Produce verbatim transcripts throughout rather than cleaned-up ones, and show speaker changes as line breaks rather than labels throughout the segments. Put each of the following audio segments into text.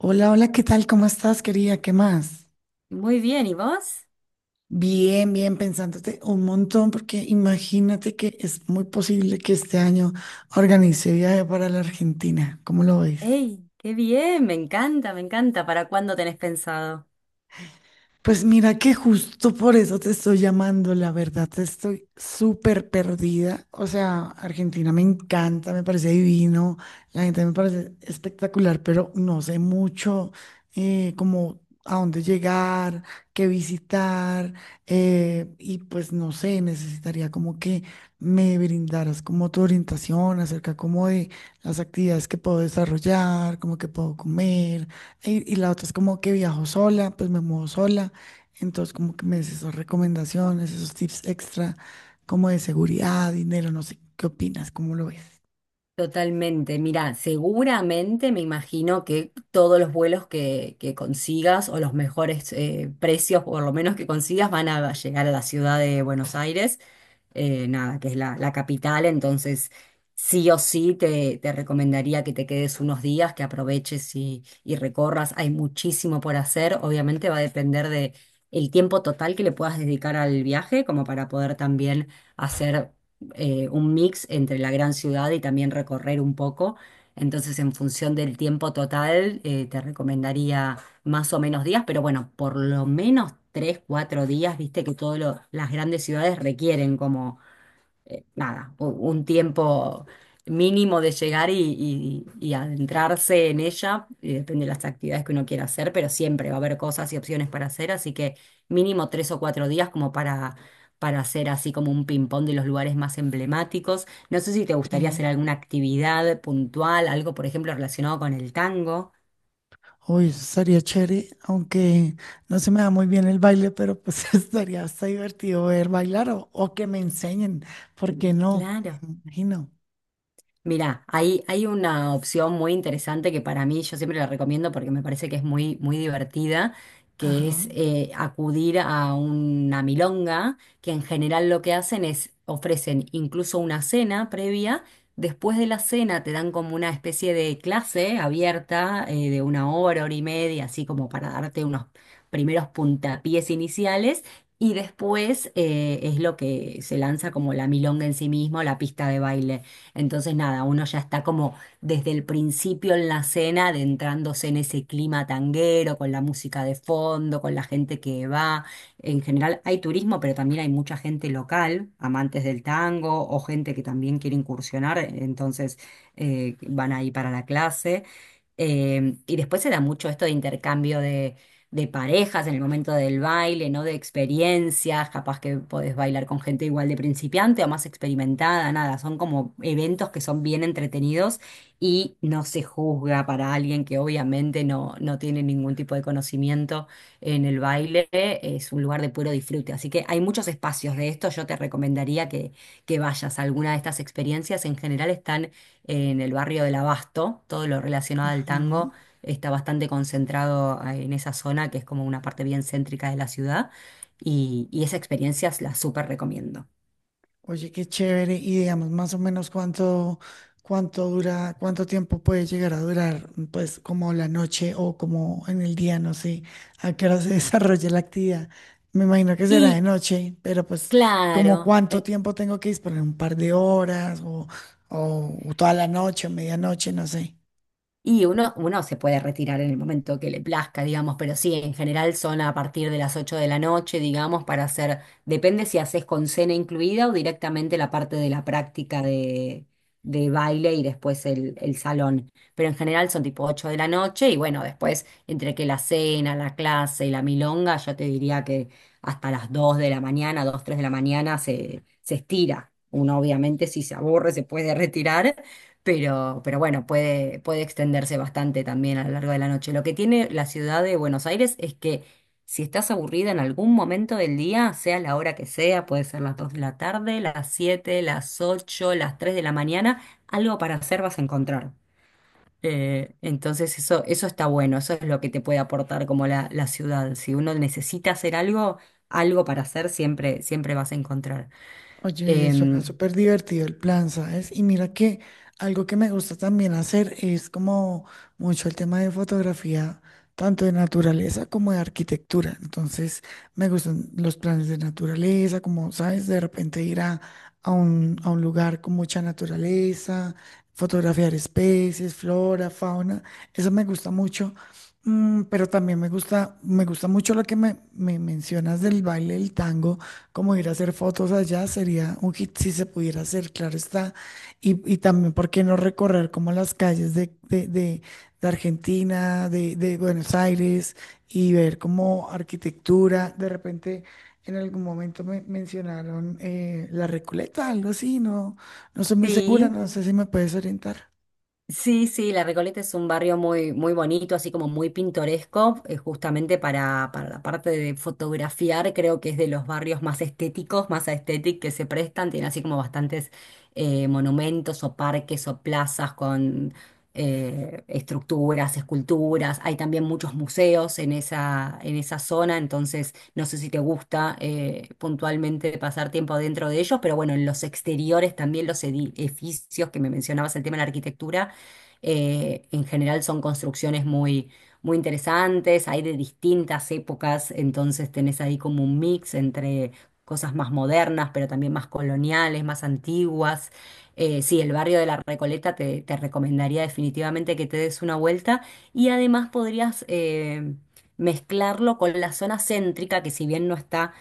Hola, hola, ¿qué tal? ¿Cómo estás, querida? ¿Qué más?
Muy bien, ¿y vos?
Bien, bien, pensándote un montón, porque imagínate que es muy posible que este año organice viaje para la Argentina. ¿Cómo lo ves?
¡Ey! ¡Qué bien! Me encanta, me encanta. ¿Para cuándo tenés pensado?
Pues mira que justo por eso te estoy llamando, la verdad, estoy súper perdida. O sea, Argentina me encanta, me parece divino, la gente me parece espectacular, pero no sé mucho eh, como a dónde llegar, qué visitar, eh, y pues no sé, necesitaría como que me brindaras como tu orientación acerca como de las actividades que puedo desarrollar, como que puedo comer. Y, y la otra es como que viajo sola, pues me muevo sola. Entonces, como que me des esas recomendaciones, esos tips extra, como de seguridad, dinero, no sé, ¿qué opinas? ¿Cómo lo ves?
Totalmente, mira, seguramente me imagino que todos los vuelos que, que consigas o los mejores eh, precios, por lo menos que consigas, van a llegar a la ciudad de Buenos Aires. Eh, nada, que es la, la capital, entonces sí o sí te, te recomendaría que te quedes unos días, que aproveches y, y recorras. Hay muchísimo por hacer, obviamente va a depender de el tiempo total que le puedas dedicar al viaje, como para poder también hacer eh, un mix entre la gran ciudad y también recorrer un poco. Entonces, en función del tiempo total, eh, te recomendaría más o menos días, pero bueno, por lo menos tres, cuatro días, viste que todas las grandes ciudades requieren como, eh, nada, u- un tiempo mínimo de llegar y, y- y adentrarse en ella, y depende de las actividades que uno quiera hacer, pero siempre va a haber cosas y opciones para hacer, así que mínimo tres o cuatro días como para... para hacer así como un ping-pong de los lugares más emblemáticos. No sé si te gustaría
Sí.
hacer alguna actividad puntual, algo por ejemplo relacionado con el tango.
Uy, eso estaría chévere, aunque no se me da muy bien el baile, pero pues estaría hasta divertido ver bailar o, o que me enseñen, ¿por qué no?
Claro.
Me imagino.
Mira, hay, hay una opción muy interesante que para mí yo siempre la recomiendo porque me parece que es muy, muy divertida, que es
Ajá,
eh, acudir a una milonga, que en general lo que hacen es ofrecen incluso una cena previa. Después de la cena te dan como una especie de clase abierta eh, de una hora, hora y media, así como para darte unos primeros puntapiés iniciales. Y después eh, es lo que se lanza como la milonga en sí mismo, la pista de baile. Entonces, nada, uno ya está como desde el principio en la cena, adentrándose en ese clima tanguero, con la música de fondo, con la gente que va. En general hay turismo, pero también hay mucha gente local, amantes del tango o gente que también quiere incursionar, entonces eh, van ahí para la clase. Eh, y después se da mucho esto de intercambio de parejas en el momento del baile, ¿no? De experiencias, capaz que podés bailar con gente igual de principiante o más experimentada, nada, son como eventos que son bien entretenidos y no se juzga para alguien que obviamente no, no tiene ningún tipo de conocimiento en el baile, es un lugar de puro disfrute, así que hay muchos espacios de esto, yo te recomendaría que, que vayas a alguna de estas experiencias, en general están en el barrio del Abasto, todo lo relacionado al tango
ajá.
está bastante concentrado ah, en esa zona, que es como una parte bien céntrica de la ciudad, y, y esa experiencia la súper recomiendo.
Oye, qué chévere. Y digamos más o menos cuánto, cuánto dura, cuánto tiempo puede llegar a durar, pues como la noche o como en el día, no sé, a qué hora se desarrolla la actividad. Me imagino que será de
Y
noche, pero pues como
claro.
cuánto
en,
tiempo tengo que disponer, un par de horas o, o toda la noche, medianoche, no sé.
Y uno, uno se puede retirar en el momento que le plazca, digamos, pero sí, en general son a partir de las ocho de la noche, digamos, para hacer, depende si haces con cena incluida o directamente la parte de la práctica de, de baile y después el, el salón. Pero en general son tipo ocho de la noche y bueno, después entre que la cena, la clase y la milonga, yo te diría que hasta las dos de la mañana, dos tres de la mañana se, se estira. Uno obviamente si se aburre se puede retirar pero, pero bueno, puede, puede extenderse bastante también a lo largo de la noche. Lo que tiene la ciudad de Buenos Aires es que si estás aburrida en algún momento del día, sea la hora que sea, puede ser las dos de la tarde, las siete, las ocho, las tres de la mañana, algo para hacer vas a encontrar. Eh, entonces eso, eso está bueno, eso es lo que te puede aportar como la, la ciudad. Si uno necesita hacer algo, algo para hacer siempre, siempre vas a encontrar.
Oye, suena
Em,
súper divertido el plan, ¿sabes? Y mira que algo que me gusta también hacer es como mucho el tema de fotografía, tanto de naturaleza como de arquitectura. Entonces, me gustan los planes de naturaleza, como, ¿sabes? De repente ir a, a un, a un lugar con mucha naturaleza, fotografiar especies, flora, fauna. Eso me gusta mucho. Mm, pero también me gusta, me gusta mucho lo que me, me mencionas del baile del tango, como ir a hacer fotos allá sería un hit si se pudiera hacer, claro está. Y, y también, ¿por qué no recorrer como las calles de, de, de- de Argentina, de, de Buenos Aires y ver como arquitectura? De repente, en algún momento me mencionaron eh, la Recoleta, algo así, no, no soy muy segura,
Sí,
no sé si me puedes orientar.
sí, sí, La Recoleta es un barrio muy, muy bonito, así como muy pintoresco, eh, justamente para, para la parte de fotografiar, creo que es de los barrios más estéticos, más estéticos que se prestan, tiene así como bastantes eh, monumentos o parques o plazas con eh, estructuras, esculturas, hay también muchos museos en esa, en esa zona, entonces no sé si te gusta eh, puntualmente pasar tiempo dentro de ellos, pero bueno, en los exteriores también los edificios que me mencionabas, el tema de la arquitectura eh, en general son construcciones muy, muy interesantes, hay de distintas épocas, entonces tenés ahí como un mix entre cosas más modernas, pero también más coloniales, más antiguas. Eh, sí, el barrio de la Recoleta te, te recomendaría definitivamente que te des una vuelta y además podrías eh, mezclarlo con la zona céntrica, que si bien no está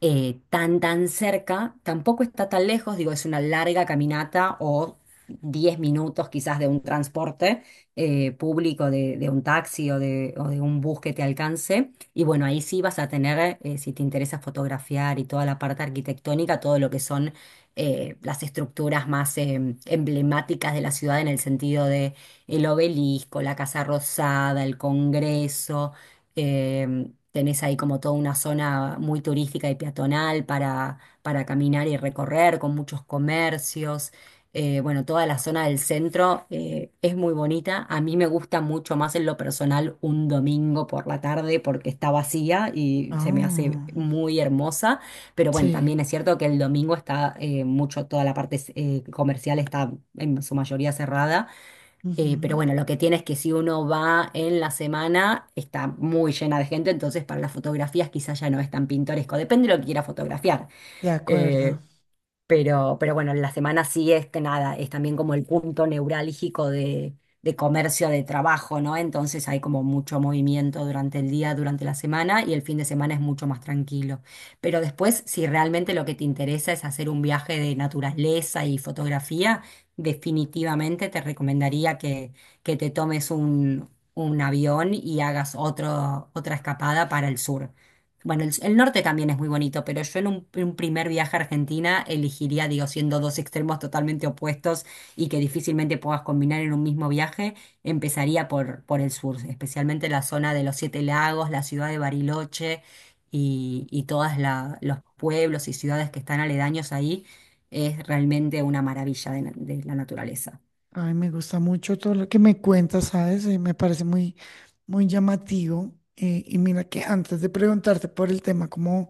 eh, tan, tan cerca, tampoco está tan lejos, digo, es una larga caminata o diez minutos quizás de un transporte eh, público, de, de un taxi o de, o de un bus que te alcance. Y bueno, ahí sí vas a tener, eh, si te interesa fotografiar y toda la parte arquitectónica, todo lo que son eh, las estructuras más em, emblemáticas de la ciudad en el sentido de el obelisco, la Casa Rosada, el Congreso. em, Tenés ahí como toda una zona muy turística y peatonal para, para caminar y recorrer, con muchos comercios. Eh, bueno, toda la zona del centro eh, es muy bonita. A mí me gusta mucho más en lo personal un domingo por la tarde porque está vacía y se me hace
Ah,
muy hermosa. Pero bueno,
sí.
también es cierto que el domingo está eh, mucho, toda la parte eh, comercial está en su mayoría cerrada. Eh, pero bueno, lo que tiene es que si uno va en la semana, está muy llena de gente, entonces para las fotografías quizás ya no es tan pintoresco, depende de lo que quiera fotografiar.
De
Eh,
acuerdo.
pero, pero bueno, la semana sí es que nada, es también como el punto neurálgico de, de comercio, de trabajo, ¿no? Entonces hay como mucho movimiento durante el día, durante la semana y el fin de semana es mucho más tranquilo. Pero después, si realmente lo que te interesa es hacer un viaje de naturaleza y fotografía, definitivamente te recomendaría que, que te tomes un, un avión y hagas otro, otra escapada para el sur. Bueno, el, el norte también es muy bonito, pero yo en un, un primer viaje a Argentina elegiría, digo, siendo dos extremos totalmente opuestos y que difícilmente puedas combinar en un mismo viaje, empezaría por, por el sur, especialmente la zona de los Siete Lagos, la ciudad de Bariloche y, y todos los pueblos y ciudades que están aledaños ahí. Es realmente una maravilla de na- de la naturaleza.
Ay, me gusta mucho todo lo que me cuentas, ¿sabes? Eh, me parece muy, muy llamativo. Eh, y mira que antes de preguntarte por el tema como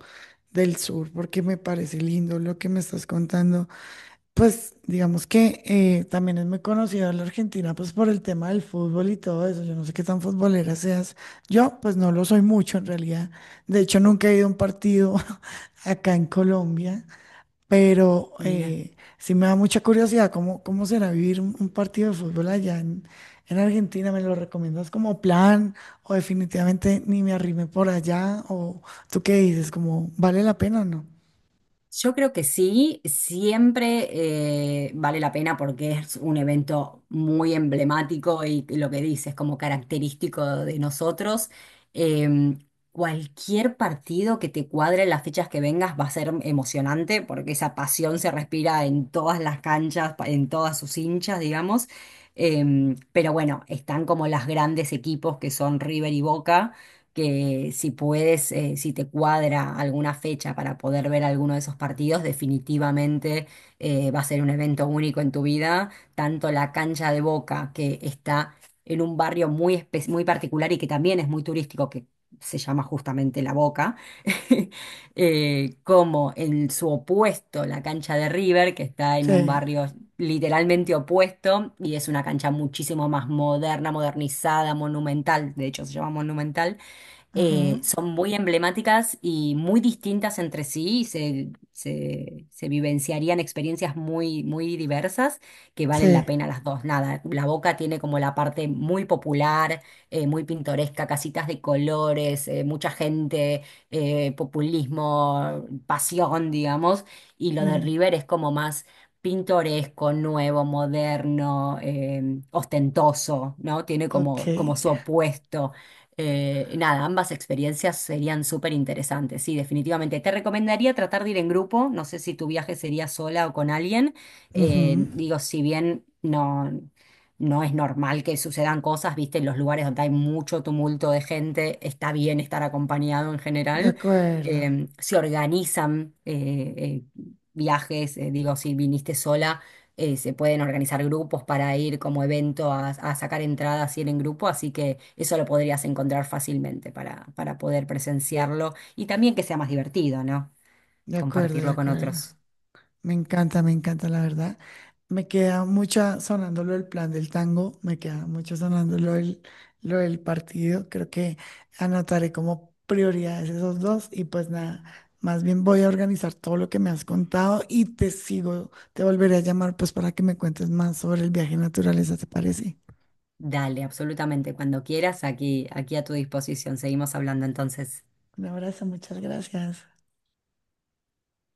del sur, porque me parece lindo lo que me estás contando, pues digamos que eh, también es muy conocida la Argentina, pues por el tema del fútbol y todo eso. Yo no sé qué tan futbolera seas. Yo, pues no lo soy mucho en realidad. De hecho, nunca he ido a un partido acá en Colombia. Pero
Mira.
eh, sí me da mucha curiosidad cómo, cómo será vivir un, un partido de fútbol allá en, en Argentina. ¿Me lo recomiendas como plan o definitivamente ni me arrime por allá? ¿O tú qué dices? ¿Como vale la pena o no?
Yo creo que sí, siempre eh, vale la pena porque es un evento muy emblemático y lo que dices como característico de nosotros. Em, Cualquier partido que te cuadre en las fechas que vengas va a ser emocionante porque esa pasión se respira en todas las canchas, pa- en todas sus hinchas, digamos. Em, pero bueno, están como las grandes equipos que son River y Boca que si puedes, eh, si te cuadra alguna fecha para poder ver alguno de esos partidos, definitivamente eh, va a ser un evento único en tu vida. Tanto la cancha de Boca, que está en un barrio muy, espe- muy particular y que también es muy turístico, que se llama justamente La Boca, eh, como en su opuesto, la cancha de River, que está en un
Sí.
barrio literalmente opuesto y es una cancha muchísimo más moderna, modernizada, monumental, de hecho se llama monumental eh,
Ajá.
son muy emblemáticas y muy distintas entre sí, y se, se, se vivenciarían experiencias muy, muy diversas que valen la
Sí.
pena las dos. Nada, La Boca tiene como la parte muy popular, eh, muy pintoresca, casitas de colores, eh, mucha gente, eh, populismo, pasión, digamos, y lo de
Ujú.
River es como más pintoresco, nuevo, moderno, eh, ostentoso, ¿no? Tiene
Ok.
como, como su opuesto. Eh, y nada, ambas experiencias serían súper interesantes, sí, definitivamente. Te recomendaría tratar de ir en grupo, no sé si tu viaje sería sola o con alguien. Eh,
Ujú.
digo, si bien no, no es normal que sucedan cosas, viste, en los lugares donde hay mucho tumulto de gente, está bien estar acompañado en
De
general.
acuerdo.
Eh, se organizan eh, eh, viajes, eh, digo, si viniste sola eh, se pueden organizar grupos para ir como evento a, a sacar entradas y ir en grupo, así que eso lo podrías encontrar fácilmente para, para poder presenciarlo y también que sea más divertido, ¿no?
De acuerdo, de
Compartirlo con
acuerdo.
otros.
Me encanta, me encanta, la verdad. Me queda mucha sonándolo el plan del tango, me queda mucho sonándolo el lo del partido. Creo que anotaré como prioridades esos dos y pues nada, más bien voy a organizar todo lo que me has contado y te sigo, te volveré a llamar pues para que me cuentes más sobre el viaje en naturaleza, ¿te parece?
Dale, absolutamente, cuando quieras, aquí, aquí a tu disposición. Seguimos hablando entonces.
Un abrazo, muchas gracias.